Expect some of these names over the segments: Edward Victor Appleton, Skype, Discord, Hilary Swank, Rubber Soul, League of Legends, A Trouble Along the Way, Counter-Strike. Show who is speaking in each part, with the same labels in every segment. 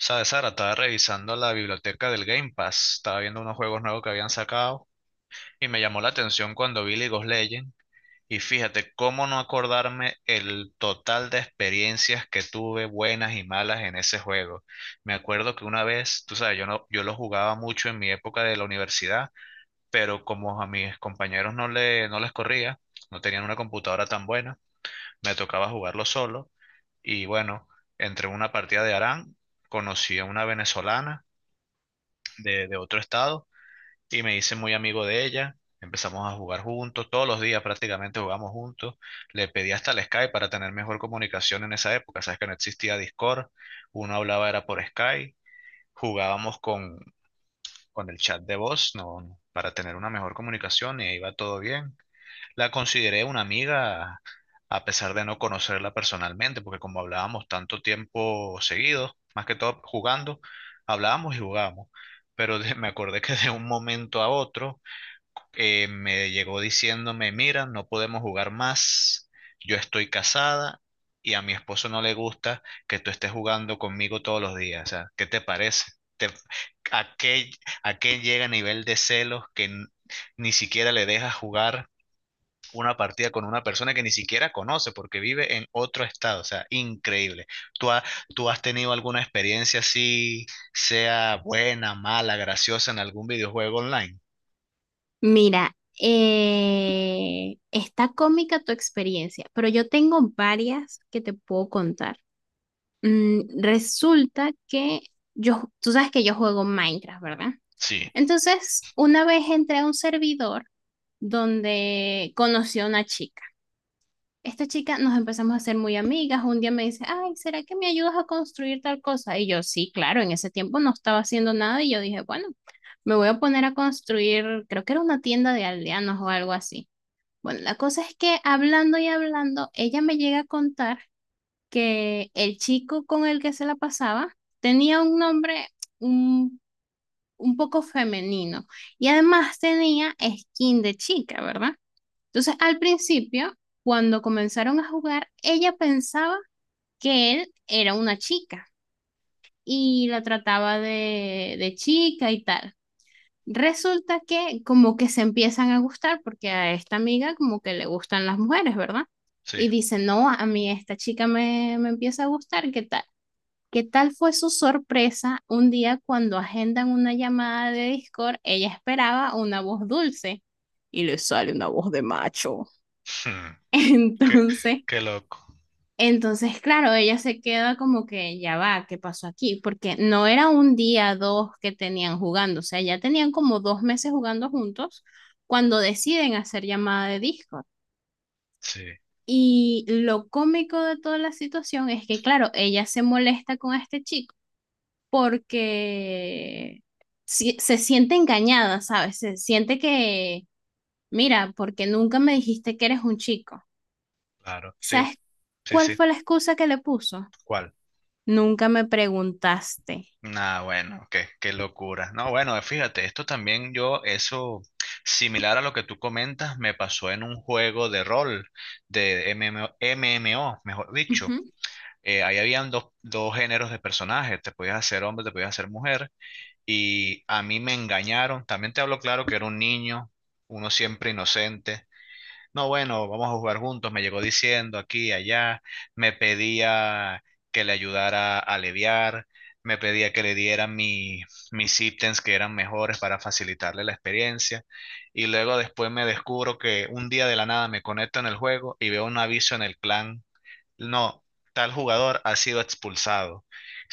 Speaker 1: Sabes, Sara, estaba revisando la biblioteca del Game Pass, estaba viendo unos juegos nuevos que habían sacado y me llamó la atención cuando vi League of Legends. Y fíjate cómo no acordarme el total de experiencias que tuve buenas y malas en ese juego. Me acuerdo que una vez, tú sabes, yo no, yo lo jugaba mucho en mi época de la universidad, pero como a mis compañeros no les corría, no tenían una computadora tan buena, me tocaba jugarlo solo y bueno, entre una partida de Aran conocí a una venezolana de otro estado y me hice muy amigo de ella. Empezamos a jugar juntos, todos los días prácticamente jugamos juntos. Le pedí hasta el Skype para tener mejor comunicación en esa época. Sabes que no existía Discord, uno hablaba era por Skype, jugábamos con el chat de voz, no, para tener una mejor comunicación y ahí va todo bien. La consideré una amiga a pesar de no conocerla personalmente, porque como hablábamos tanto tiempo seguido, más que todo jugando, hablábamos y jugábamos. Pero me acordé que de un momento a otro, me llegó diciéndome, mira, no podemos jugar más, yo estoy casada y a mi esposo no le gusta que tú estés jugando conmigo todos los días. O sea, ¿qué te parece? ¿Te- a qué, ¿a qué llega a nivel de celos que ni siquiera le dejas jugar una partida con una persona que ni siquiera conoce porque vive en otro estado? O sea, increíble. ¿Tú, ha- ¿tú has tenido alguna experiencia así, sea buena, mala, graciosa en algún videojuego online?
Speaker 2: Mira, está cómica tu experiencia, pero yo tengo varias que te puedo contar. Resulta que yo, tú sabes que yo juego Minecraft, ¿verdad?
Speaker 1: Sí,
Speaker 2: Entonces, una vez entré a un servidor donde conocí a una chica, esta chica nos empezamos a hacer muy amigas. Un día me dice, ay, ¿será que me ayudas a construir tal cosa? Y yo, sí, claro, en ese tiempo no estaba haciendo nada y yo dije, bueno, me voy a poner a construir, creo que era una tienda de aldeanos o algo así. Bueno, la cosa es que hablando y hablando, ella me llega a contar que el chico con el que se la pasaba tenía un nombre un, un poco femenino y además tenía skin de chica, ¿verdad? Entonces, al principio, cuando comenzaron a jugar, ella pensaba que él era una chica y la trataba de chica y tal. Resulta que como que se empiezan a gustar porque a esta amiga como que le gustan las mujeres, ¿verdad?
Speaker 1: sí.
Speaker 2: Y dice, no, a mí esta chica me empieza a gustar, ¿qué tal? ¿Qué tal fue su sorpresa un día cuando agendan una llamada de Discord? Ella esperaba una voz dulce y le sale una voz de macho.
Speaker 1: Hmm. Qué,
Speaker 2: Entonces,
Speaker 1: qué loco.
Speaker 2: Entonces, claro, ella se queda como que ya va, ¿qué pasó aquí? Porque no era un día, dos que tenían jugando, o sea, ya tenían como dos meses jugando juntos cuando deciden hacer llamada de Discord.
Speaker 1: Sí,
Speaker 2: Y lo cómico de toda la situación es que, claro, ella se molesta con este chico porque se siente engañada, ¿sabes? Se siente que, mira, porque nunca me dijiste que eres un chico.
Speaker 1: claro. Sí,
Speaker 2: ¿Sabes
Speaker 1: sí,
Speaker 2: cuál
Speaker 1: sí.
Speaker 2: fue la excusa que le puso?
Speaker 1: ¿Cuál?
Speaker 2: Nunca me preguntaste.
Speaker 1: Ah, bueno, qué, qué locura. No, bueno, fíjate, esto también yo, eso similar a lo que tú comentas, me pasó en un juego de rol, de m M o mejor dicho.
Speaker 2: Ujú.
Speaker 1: Ahí habían dos géneros de personajes, te podías hacer hombre, te podías hacer mujer, y a mí me engañaron, también te hablo claro que era un niño, uno siempre inocente. No, bueno, vamos a jugar juntos, me llegó diciendo aquí, allá, me pedía que le ayudara a aliviar, me pedía que le diera mis ítems que eran mejores para facilitarle la experiencia, y luego después me descubro que un día de la nada me conecto en el juego y veo un aviso en el clan: no, tal jugador ha sido expulsado. O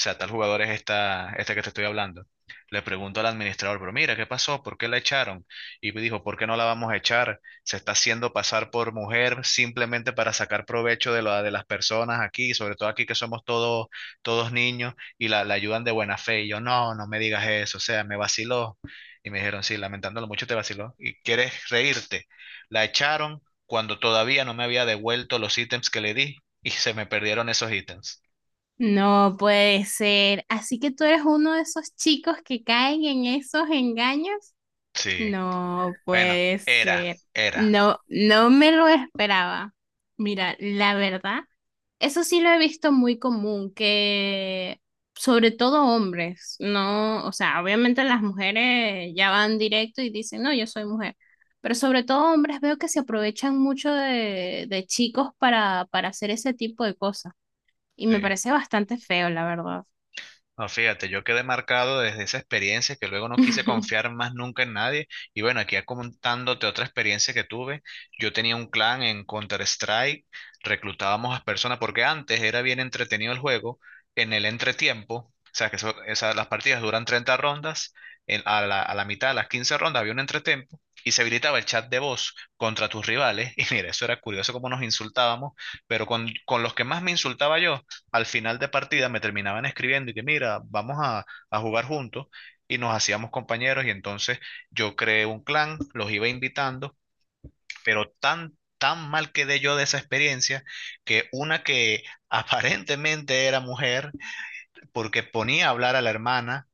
Speaker 1: sea, tal jugador es esta que te estoy hablando. Le pregunto al administrador, pero mira, ¿qué pasó? ¿Por qué la echaron? Y me dijo, ¿por qué no la vamos a echar? Se está haciendo pasar por mujer simplemente para sacar provecho de, la, de las personas aquí, sobre todo aquí que somos todos, todos niños, y la ayudan de buena fe. Y yo, no, no me digas eso, o sea, me vaciló. Y me dijeron, sí, lamentándolo mucho te vaciló. ¿Y quieres reírte? La echaron cuando todavía no me había devuelto los ítems que le di y se me perdieron esos ítems.
Speaker 2: No puede ser. Así que tú eres uno de esos chicos que caen en esos engaños.
Speaker 1: Sí.
Speaker 2: No
Speaker 1: Bueno,
Speaker 2: puede
Speaker 1: era,
Speaker 2: ser.
Speaker 1: era.
Speaker 2: No, no me lo esperaba. Mira, la verdad, eso sí lo he visto muy común, que sobre todo hombres, no, o sea, obviamente las mujeres ya van directo y dicen, no, yo soy mujer, pero sobre todo hombres veo que se aprovechan mucho de chicos para hacer ese tipo de cosas y
Speaker 1: Sí.
Speaker 2: me parece bastante feo, la verdad.
Speaker 1: No, fíjate, yo quedé marcado desde esa experiencia que luego no quise confiar más nunca en nadie. Y bueno, aquí contándote otra experiencia que tuve. Yo tenía un clan en Counter-Strike, reclutábamos a personas, porque antes era bien entretenido el juego, en el entretiempo, o sea, que eso, las partidas duran 30 rondas, a la mitad de las 15 rondas había un entretiempo y se habilitaba el chat de voz contra tus rivales. Y mira, eso era curioso cómo nos insultábamos, pero con los que más me insultaba yo al final de partida me terminaban escribiendo y que mira, vamos a jugar juntos y nos hacíamos compañeros. Y entonces yo creé un clan, los iba invitando, pero tan mal quedé yo de esa experiencia que una que aparentemente era mujer porque ponía a hablar a la hermana.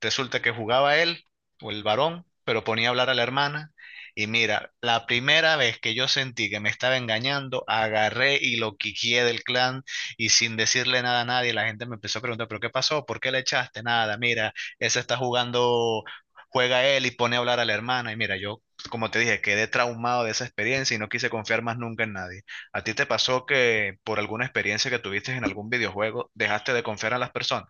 Speaker 1: Resulta que jugaba él o el varón, pero ponía a hablar a la hermana. Y mira, la primera vez que yo sentí que me estaba engañando, agarré y lo quiqué del clan y sin decirle nada a nadie, la gente me empezó a preguntar, ¿pero qué pasó? ¿Por qué le echaste? Nada, mira, ese está jugando, juega él y pone a hablar a la hermana. Y mira, yo, como te dije, quedé traumado de esa experiencia y no quise confiar más nunca en nadie. ¿A ti te pasó que por alguna experiencia que tuviste en algún videojuego, dejaste de confiar a las personas?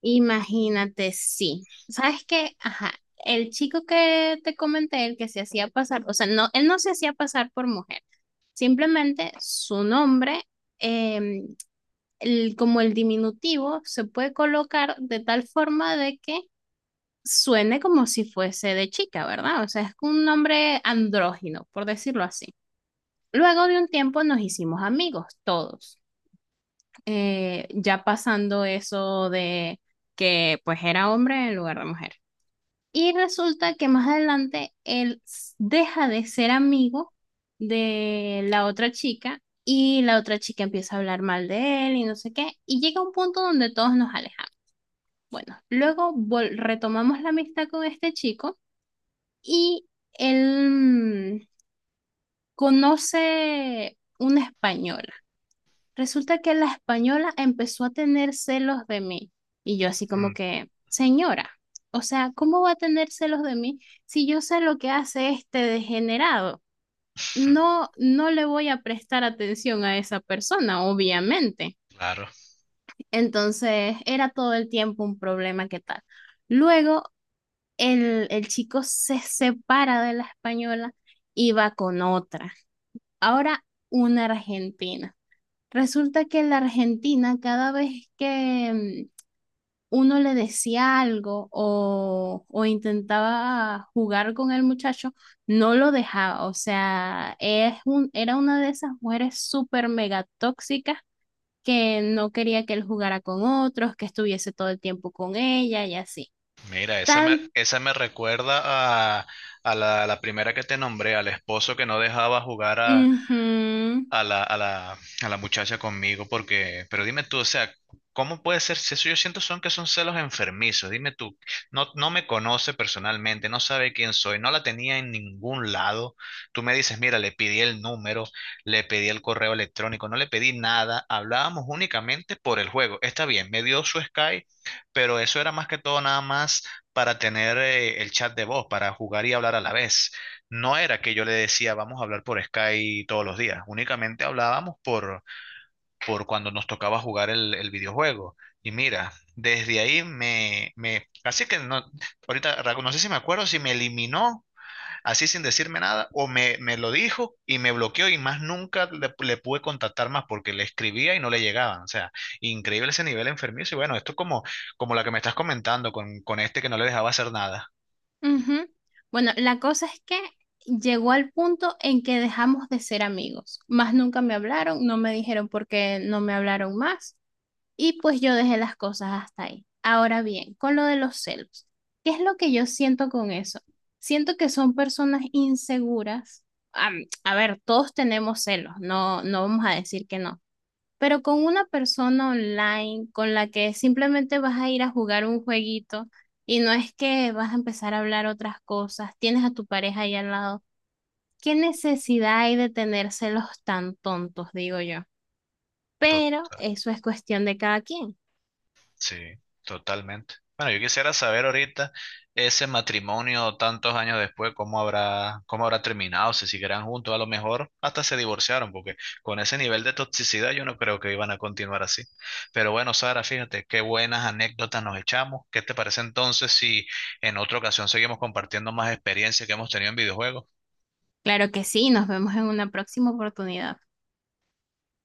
Speaker 2: Imagínate, sí. ¿Sabes qué? Ajá. El chico que te comenté, el que se hacía pasar, o sea, no, él no se hacía pasar por mujer. Simplemente su nombre, eh, como el diminutivo, se puede colocar de tal forma de que suene como si fuese de chica, ¿verdad? O sea, es un nombre andrógino, por decirlo así. Luego de un tiempo nos hicimos amigos, todos. Ya pasando eso de que pues era hombre en lugar de mujer. Y resulta que más adelante deja de ser amigo de la otra chica y la otra chica empieza a hablar mal de él y no sé qué. Y llega un punto donde todos nos alejamos. Bueno, luego retomamos la amistad con este chico y él conoce una española. Resulta que la española empezó a tener celos de mí. Y yo así
Speaker 1: Mm.
Speaker 2: como que, señora, o sea, ¿cómo va a tener celos de mí si yo sé lo que hace este degenerado? No, no le voy a prestar atención a esa persona, obviamente.
Speaker 1: Claro,
Speaker 2: Entonces, era todo el tiempo un problema que tal. Luego, el chico se separa de la española y va con otra. Ahora, una argentina. Resulta que en la Argentina, cada vez que uno le decía algo o intentaba jugar con el muchacho, no lo dejaba. O sea, es un, era una de esas mujeres súper mega tóxicas que no quería que él jugara con otros, que estuviese todo el tiempo con ella y así.
Speaker 1: mira,
Speaker 2: Tan,
Speaker 1: esa me recuerda a, a la primera que te nombré, al esposo que no dejaba jugar a,
Speaker 2: Ujú.
Speaker 1: a la, a la, a la muchacha conmigo, porque, pero dime tú, o sea, ¿cómo puede ser? Si eso yo siento son que son celos enfermizos, dime tú, no, no me conoce personalmente, no sabe quién soy, no la tenía en ningún lado, tú me dices, mira, le pedí el número, le pedí el correo electrónico, no le pedí nada, hablábamos únicamente por el juego, está bien, me dio su Skype, pero eso era más que todo nada más para tener el chat de voz, para jugar y hablar a la vez. No era que yo le decía, vamos a hablar por Skype todos los días. Únicamente hablábamos por cuando nos tocaba jugar el videojuego. Y mira, desde ahí así que no, ahorita Raco, no sé si me acuerdo si me eliminó así sin decirme nada o me lo dijo y me bloqueó y más nunca le pude contactar más porque le escribía y no le llegaban. O sea, increíble ese nivel enfermizo. Y bueno, esto como, como la que me estás comentando con este que no le dejaba hacer nada.
Speaker 2: Ujú. Bueno, la cosa es que llegó al punto en que dejamos de ser amigos. Más nunca me hablaron, no me dijeron por qué no me hablaron más y pues yo dejé las cosas hasta ahí. Ahora bien, con lo de los celos, ¿qué es lo que yo siento con eso? Siento que son personas inseguras. A ver, todos tenemos celos, no, no vamos a decir que no, pero con una persona online con la que simplemente vas a ir a jugar un jueguito y no es que vas a empezar a hablar otras cosas, tienes a tu pareja ahí al lado. ¿Qué necesidad hay de tenérselos tan tontos, digo yo?
Speaker 1: Total.
Speaker 2: Pero eso es cuestión de cada quien.
Speaker 1: Sí, totalmente. Bueno, yo quisiera saber ahorita ese matrimonio tantos años después, cómo habrá terminado, si seguirán juntos, a lo mejor hasta se divorciaron, porque con ese nivel de toxicidad yo no creo que iban a continuar así. Pero bueno, Sara, fíjate, qué buenas anécdotas nos echamos. ¿Qué te parece entonces si en otra ocasión seguimos compartiendo más experiencias que hemos tenido en videojuegos?
Speaker 2: Claro que sí, nos vemos en una próxima oportunidad.